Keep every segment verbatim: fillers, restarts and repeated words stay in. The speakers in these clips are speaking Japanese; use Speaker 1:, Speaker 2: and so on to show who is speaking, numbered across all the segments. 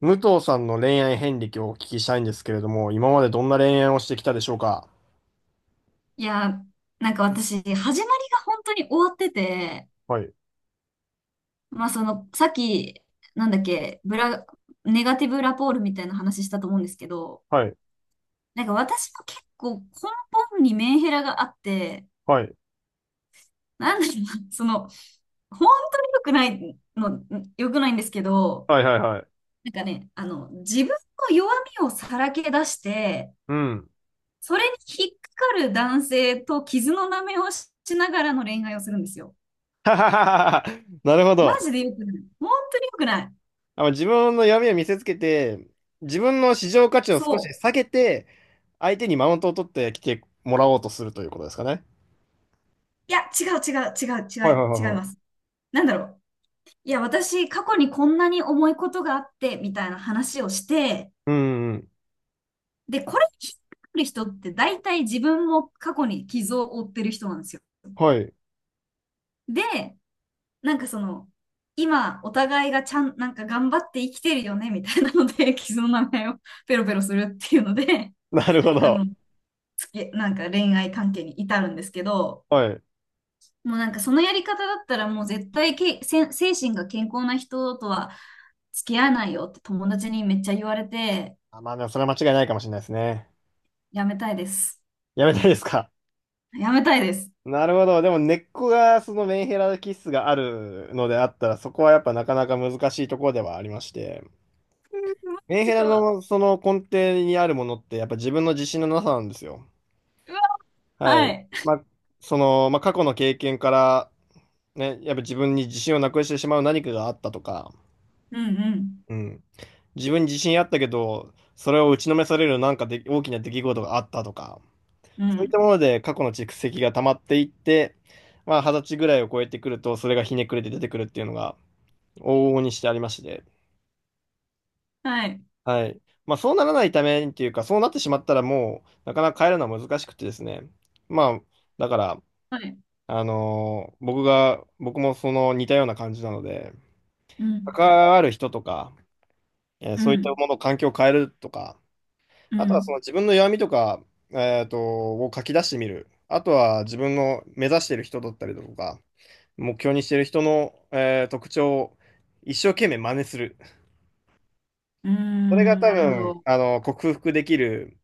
Speaker 1: 武藤さんの恋愛遍歴をお聞きしたいんですけれども、今までどんな恋愛をしてきたでしょうか？
Speaker 2: いや、なんか私、始まりが本当に終わってて、
Speaker 1: はい、
Speaker 2: まあその、さっき、なんだっけ、ブラ、ネガティブラポールみたいな話したと思うんですけど、
Speaker 1: はい、
Speaker 2: なんか私も結構根本にメンヘラがあって、
Speaker 1: はい、
Speaker 2: なんだろうな、その、本当に良くないの、良くないんですけど、
Speaker 1: はい、はい、はい。
Speaker 2: なんかね、あの、自分の弱みをさらけ出して、
Speaker 1: うん。
Speaker 2: それに引っかかる男性と傷の舐めをしながらの恋愛をするんですよ。
Speaker 1: はははは。なるほ
Speaker 2: マ
Speaker 1: ど。
Speaker 2: ジで良くない。本当に良くない。
Speaker 1: あ、自分の闇を見せつけて、自分の市場価値を少し
Speaker 2: そう。
Speaker 1: 下げて、相手にマウントを取ってきてもらおうとするということですかね？
Speaker 2: いや、違う違う違う違
Speaker 1: はい、はい、
Speaker 2: う
Speaker 1: はい、
Speaker 2: 違い
Speaker 1: は
Speaker 2: ます。
Speaker 1: い。
Speaker 2: なんだろう。いや、私、過去にこんなに重いことがあって、みたいな話をして、
Speaker 1: うん、うん。
Speaker 2: で、これ聞くる人って大体自分も過去に傷を負ってる人なんですよ。
Speaker 1: はい。
Speaker 2: で、なんかその、今、お互いがちゃん、なんか頑張って生きてるよね、みたいなので、傷の名前を ペロペロするっていうので、
Speaker 1: なるほ
Speaker 2: あ
Speaker 1: ど。
Speaker 2: の、つけ、なんか恋愛関係に至るんですけど、
Speaker 1: はい。
Speaker 2: もうなんかそのやり方だったらもう絶対け、せ、精神が健康な人とは付き合わないよって友達にめっちゃ言われて、
Speaker 1: あ、まあ、でもそれは間違いないかもしれないですね。
Speaker 2: やめたいです。
Speaker 1: やめたいですか？
Speaker 2: やめたいです。
Speaker 1: なるほど。でも根っこがそのメンヘラ気質があるのであったら、そこはやっぱなかなか難しいところではありまして、メン
Speaker 2: す
Speaker 1: ヘラ
Speaker 2: ごい。う
Speaker 1: のその根底にあるものってやっぱ自分の自信のなさなんですよ。
Speaker 2: わ、
Speaker 1: は
Speaker 2: は
Speaker 1: い。
Speaker 2: い。
Speaker 1: まあ、その、まあ、過去の経験から、ね、やっぱ自分に自信をなくしてしまう何かがあったとか、
Speaker 2: うん
Speaker 1: うん。自分に自信あったけど、それを打ちのめされるなんかで大きな出来事があったとか、
Speaker 2: うん。う
Speaker 1: そういっ
Speaker 2: ん。
Speaker 1: たもので過去の蓄積が溜まっていって、まあ、二十歳ぐらいを超えてくると、それがひねくれて出てくるっていうのが、往々にしてありまして、
Speaker 2: はい。
Speaker 1: はい。まあ、そうならないためにっていうか、そうなってしまったらもう、なかなか変えるのは難しくてですね。まあ、だから、
Speaker 2: はい。
Speaker 1: あのー僕が、僕もその似たような感じなので、
Speaker 2: うん。
Speaker 1: 関わる人とか、えー
Speaker 2: う
Speaker 1: そういった
Speaker 2: ん。
Speaker 1: もの、環境を変えるとか、
Speaker 2: う
Speaker 1: あとはその
Speaker 2: ん。
Speaker 1: 自分の弱みとか、えっと、を書き出してみる。あとは自分の目指している人だったりだとか、目標にしてる人の、えー特徴を一生懸命真似する。
Speaker 2: うー
Speaker 1: それが
Speaker 2: ん。
Speaker 1: 多
Speaker 2: なるほ
Speaker 1: 分、
Speaker 2: ど。
Speaker 1: あの、克服できる、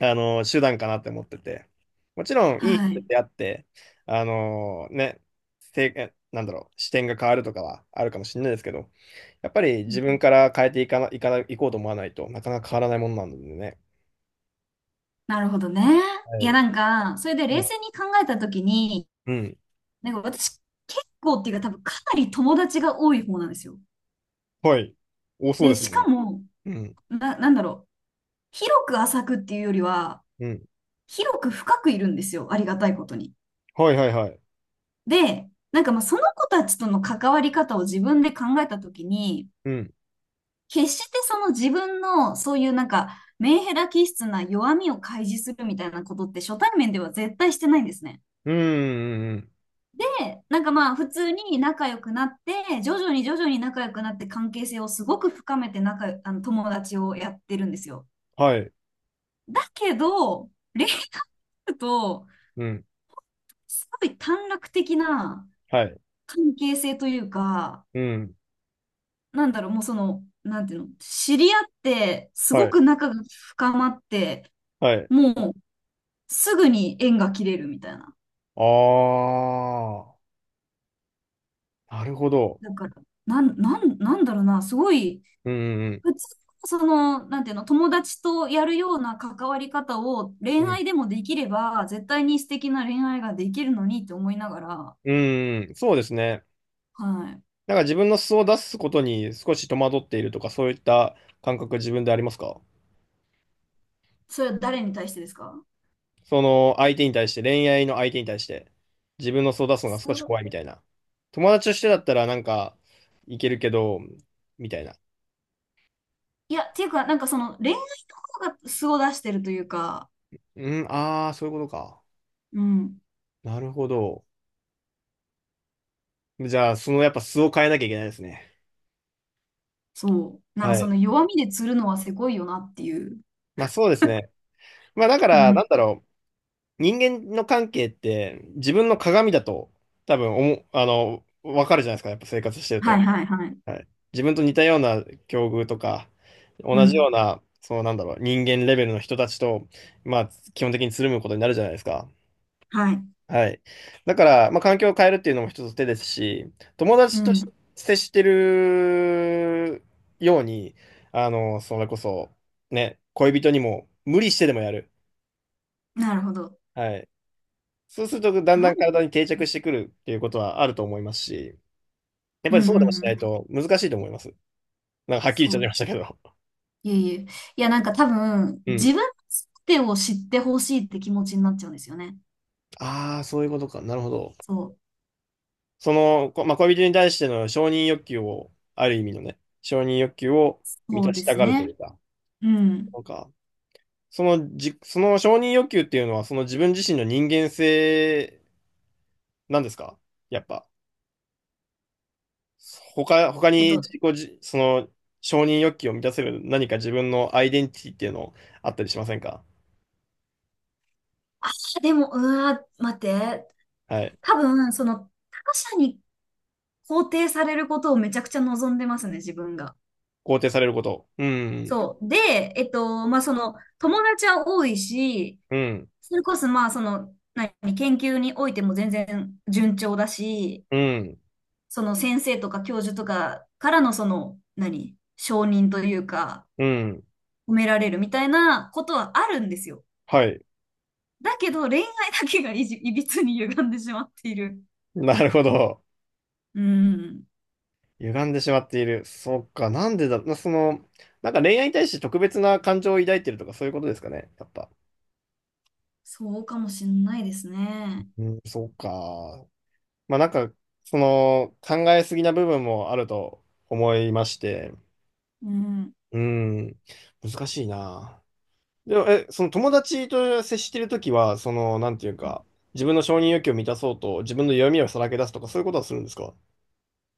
Speaker 1: あの、手段かなって思ってて。もちろん、いい
Speaker 2: はい。
Speaker 1: 人っ
Speaker 2: う
Speaker 1: てあって、あの、ね、せい、えなんだろう、視点が変わるとかはあるかもしれないですけど、やっぱり自
Speaker 2: ん。
Speaker 1: 分から変えていかな、いかな、いこうと思わないとなかなか変わらないものなのでね。
Speaker 2: なるほどね。い
Speaker 1: は
Speaker 2: や、
Speaker 1: い。
Speaker 2: なんか、それで
Speaker 1: う
Speaker 2: 冷
Speaker 1: ん。
Speaker 2: 静に考えたときに、
Speaker 1: うん。
Speaker 2: なんか私、結構っていうか多分かなり友達が多い方なんですよ。
Speaker 1: はい。多そう
Speaker 2: で、
Speaker 1: です
Speaker 2: し
Speaker 1: もんね。
Speaker 2: かも、
Speaker 1: うん。
Speaker 2: な、なんだろう。広く浅くっていうよりは、
Speaker 1: うん。
Speaker 2: 広く深くいるんですよ。ありがたいことに。
Speaker 1: はいはいはい。
Speaker 2: で、なんかまあその子たちとの関わり方を自分で考えたときに、
Speaker 1: うん。
Speaker 2: 決してその自分のそういうなんかメンヘラ気質な弱みを開示するみたいなことって初対面では絶対してないんですね。
Speaker 1: うん。うんうん
Speaker 2: で、なんかまあ普通に仲良くなって、徐々に徐々に仲良くなって関係性をすごく深めて仲、あの友達をやってるんですよ。
Speaker 1: はい。
Speaker 2: だけど、恋愛と、
Speaker 1: うん。
Speaker 2: すごい短絡的な
Speaker 1: はい。
Speaker 2: 関係性というか、
Speaker 1: うん。
Speaker 2: なんだろう、もうその、なんていうの、知り合って、すご
Speaker 1: はい。
Speaker 2: く仲が深まって、
Speaker 1: はい。
Speaker 2: もうすぐに縁が切れるみたいな。
Speaker 1: ああ、なるほど。
Speaker 2: だから、なん、なん、なんだろうな、すごい、
Speaker 1: うんうん
Speaker 2: 普通のその、なんていうの、友達とやるような関わり方を
Speaker 1: う
Speaker 2: 恋
Speaker 1: ん。
Speaker 2: 愛でもできれば、絶対に素敵な恋愛ができるのにって思いながら、
Speaker 1: うん。うん、そうですね。
Speaker 2: はい。
Speaker 1: なんか自分の素を出すことに少し戸惑っているとか、そういった感覚自分でありますか？
Speaker 2: それは誰に対してですか？
Speaker 1: その相手に対して、恋愛の相手に対して、自分の素を出すのが少し怖いみ
Speaker 2: す
Speaker 1: たいな。友達としてだったらなんか、いけるけど、みたいな。
Speaker 2: いや、っていうか、なんかその恋愛とかが素を出してるというか、
Speaker 1: うん、ああ、そういうことか。
Speaker 2: うん、
Speaker 1: なるほど。じゃあ、そのやっぱ素を変えなきゃいけないですね。
Speaker 2: そう。なん
Speaker 1: は
Speaker 2: かそ
Speaker 1: い。
Speaker 2: の弱みで釣るのはせこいよなっていう。
Speaker 1: まあそうですね。まあだか
Speaker 2: う
Speaker 1: ら、な
Speaker 2: ん。
Speaker 1: んだろう。人間の関係って自分の鏡だと多分おも、あの、わかるじゃないですか、やっぱ生活してる
Speaker 2: は
Speaker 1: と。
Speaker 2: いはいはい。
Speaker 1: はい。自分と似たような境遇とか、
Speaker 2: う
Speaker 1: 同じ
Speaker 2: ん。
Speaker 1: ような、そのなんだろう、人間レベルの人たちと、まあ、基本的につるむことになるじゃないですか。
Speaker 2: はい。
Speaker 1: はい。だから、まあ、環境を変えるっていうのも一つ手ですし、友
Speaker 2: う
Speaker 1: 達とし
Speaker 2: ん。
Speaker 1: 接してるように、あの、それこそ、ね、恋人にも無理してでもやる。
Speaker 2: なるほど。
Speaker 1: はい。そうすると、だん
Speaker 2: な
Speaker 1: だ
Speaker 2: ん、
Speaker 1: ん体に定着してくるっていうことはあると思いますし、やっ
Speaker 2: う
Speaker 1: ぱ
Speaker 2: ん
Speaker 1: り
Speaker 2: うん
Speaker 1: そうでも
Speaker 2: う
Speaker 1: しな
Speaker 2: ん。
Speaker 1: いと難しいと思います。なんかはっきり言っ
Speaker 2: そ
Speaker 1: ちゃ
Speaker 2: う
Speaker 1: い
Speaker 2: で
Speaker 1: まし
Speaker 2: す。
Speaker 1: たけど。
Speaker 2: いえいえ。いや、なんか多分、
Speaker 1: う
Speaker 2: 自
Speaker 1: ん。
Speaker 2: 分の全てを知ってほしいって気持ちになっちゃうんですよね。
Speaker 1: ああ、そういうことか。なるほど。
Speaker 2: そう。
Speaker 1: その、こまあ、恋人に対しての承認欲求を、ある意味のね、承認欲求を満
Speaker 2: そう
Speaker 1: たし
Speaker 2: で
Speaker 1: た
Speaker 2: す
Speaker 1: がるという
Speaker 2: ね。
Speaker 1: か、
Speaker 2: うん。
Speaker 1: なんか、そのじ、その承認欲求っていうのは、その自分自身の人間性なんですか？やっぱ。他、他
Speaker 2: えっ
Speaker 1: に
Speaker 2: と、
Speaker 1: 自己じ、その承認欲求を満たせる何か自分のアイデンティティっていうのあったりしませんか？
Speaker 2: あー、でも、うわー、待って。
Speaker 1: はい。
Speaker 2: 多分、その、他者に肯定されることをめちゃくちゃ望んでますね、自分が。
Speaker 1: 肯定されること。うん、
Speaker 2: そう。で、えっと、まあ、その、友達は多いし、
Speaker 1: うん、
Speaker 2: それこそ、まあ、その、何、研究においても全然順調だし、
Speaker 1: うん、
Speaker 2: その先生とか教授とかからのその、何、承認というか、
Speaker 1: うん。
Speaker 2: 褒められるみたいなことはあるんですよ。
Speaker 1: はい。
Speaker 2: だけど、恋愛だけがいじ、いびつに歪んでしまっている。
Speaker 1: なるほど。
Speaker 2: うん。
Speaker 1: 歪んでしまっている。そっか、なんでだ、なその、なんか恋愛に対して特別な感情を抱いてるとかそういうことですかね、やっぱ。
Speaker 2: そうかもしんないですね。
Speaker 1: うん、そうか。まあなんか、その、考えすぎな部分もあると思いまして、
Speaker 2: うん。
Speaker 1: うん、難しいな。でも、え、その友達と接してるときは、その、なんていうか、自分の承認欲求を満たそうと、自分の弱みをさらけ出すとか、そういうことはするんですか？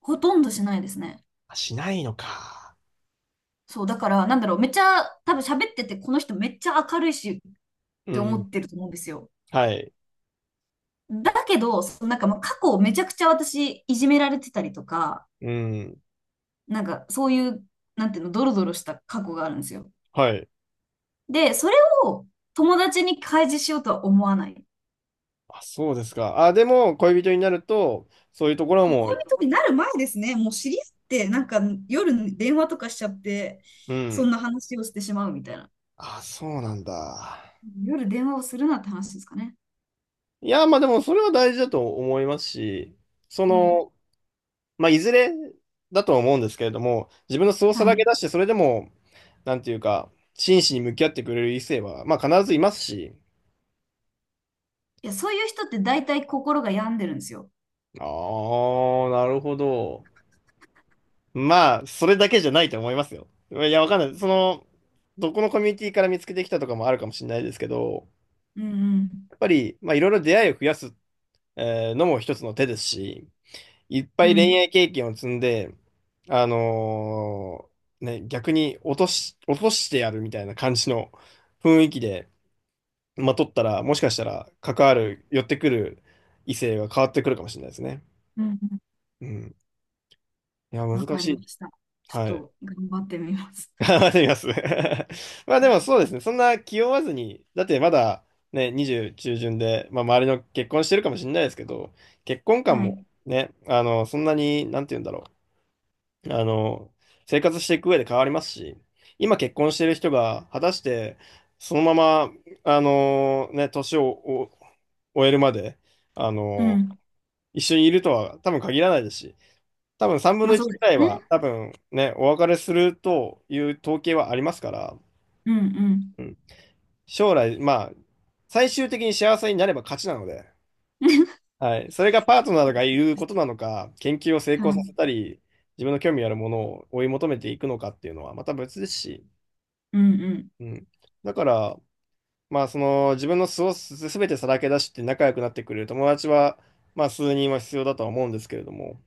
Speaker 2: ほとんどしないですね。
Speaker 1: あ、しないのか。
Speaker 2: そう、だから、なんだろう、めっちゃ、多分喋ってて、この人めっちゃ明るいしっ
Speaker 1: う
Speaker 2: て思
Speaker 1: ん。
Speaker 2: ってると思うんですよ。
Speaker 1: はい。
Speaker 2: だけど、そのなんか、まあ、過去めちゃくちゃ私、いじめられてたりとか、
Speaker 1: うん。
Speaker 2: なんか、そういう、なんていうの、ドロドロした過去があるんですよ。
Speaker 1: はい。
Speaker 2: で、それを友達に開示しようとは思わない。
Speaker 1: あ、そうですか。あ、でも、恋人になると、そういうところ
Speaker 2: もう
Speaker 1: も、
Speaker 2: 恋人になる前ですね、もう知り合って、なんか夜電話とかしちゃって、
Speaker 1: う
Speaker 2: そん
Speaker 1: ん。
Speaker 2: な話をしてしまうみたいな。
Speaker 1: あ、そうなんだ。
Speaker 2: 夜電話をするなって話ですかね。
Speaker 1: いや、まあでも、それは大事だと思いますし、そ
Speaker 2: うん。
Speaker 1: の、まあ、いずれだとは思うんですけれども、自分の素をさ
Speaker 2: はい。
Speaker 1: らけ
Speaker 2: い
Speaker 1: 出して、それでも、なんていうか、真摯に向き合ってくれる異性は、まあ、必ずいますし。
Speaker 2: や、そういう人って大体心が病んでるんですよ。
Speaker 1: ああ、なるほど。まあ、それだけじゃないと思いますよ。いや、わかんない。その、どこのコミュニティから見つけてきたとかもあるかもしれないですけど、
Speaker 2: うんうん。
Speaker 1: やっぱり、まあ、いろいろ出会いを増やす、えーのも一つの手ですし、いっぱ
Speaker 2: う
Speaker 1: い恋
Speaker 2: ん。
Speaker 1: 愛経験を積んで、あのーね、逆に落とし、落としてやるみたいな感じの雰囲気で、まとったら、もしかしたら、関わる、寄ってくる異性が変わってくるかもしれないですね。
Speaker 2: うんうん。
Speaker 1: うん。いや、
Speaker 2: わ
Speaker 1: 難
Speaker 2: か
Speaker 1: し
Speaker 2: りま
Speaker 1: い。
Speaker 2: した。ちょっ
Speaker 1: はい。
Speaker 2: と頑張ってみます。
Speaker 1: 頑張ってみます。まあでもそうですね。そんな気負わずに、だってまだね、にじゅう中旬で、まあ周りの結婚してるかもしれないですけど、結婚観
Speaker 2: は
Speaker 1: も
Speaker 2: い。
Speaker 1: ね、あの、そんなに、なんて言うんだろう。あの、生活していく上で変わりますし、今結婚してる人が果たしてそのまま、あの、ね、年をお終えるまで、あ
Speaker 2: う
Speaker 1: の、
Speaker 2: ん。
Speaker 1: 一緒にいるとは多分限らないですし、多分さんぶん
Speaker 2: ま
Speaker 1: の
Speaker 2: あそ
Speaker 1: いち
Speaker 2: う
Speaker 1: ぐ
Speaker 2: です
Speaker 1: らいは
Speaker 2: ね。
Speaker 1: 多分ね、お別れするという統計はありますから、
Speaker 2: うんうん。
Speaker 1: うん、将来、まあ、最終的に幸せになれば勝ちなので、はい。それがパートナーが言うことなのか、研究を成
Speaker 2: は
Speaker 1: 功さ
Speaker 2: い。
Speaker 1: せたり、自分の興味あるものを追い求めていくのかっていうのはまた別ですし、
Speaker 2: うんうん。
Speaker 1: うん。だから、まあ、その、自分の素をすべてさらけ出して仲良くなってくれる友達は、まあ、数人は必要だとは思うんですけれども、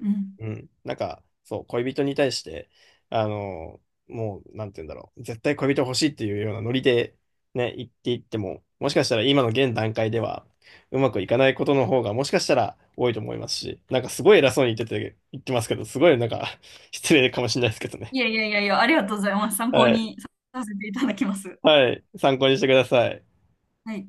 Speaker 2: うん。
Speaker 1: うん。なんか、そう、恋人に対して、あの、もう、なんて言うんだろう。絶対恋人欲しいっていうようなノリで、ね、言っていっても、もしかしたら今の現段階では、うまくいかないことの方が、もしかしたら多いと思いますし、なんかすごい偉そうに言ってて、言ってますけど、すごいなんか、失礼かもしれないですけどね。
Speaker 2: いやいやいやいや、ありがとうございます。参考
Speaker 1: はい。
Speaker 2: にさせていただきます。
Speaker 1: はい。参考にしてください。
Speaker 2: はい。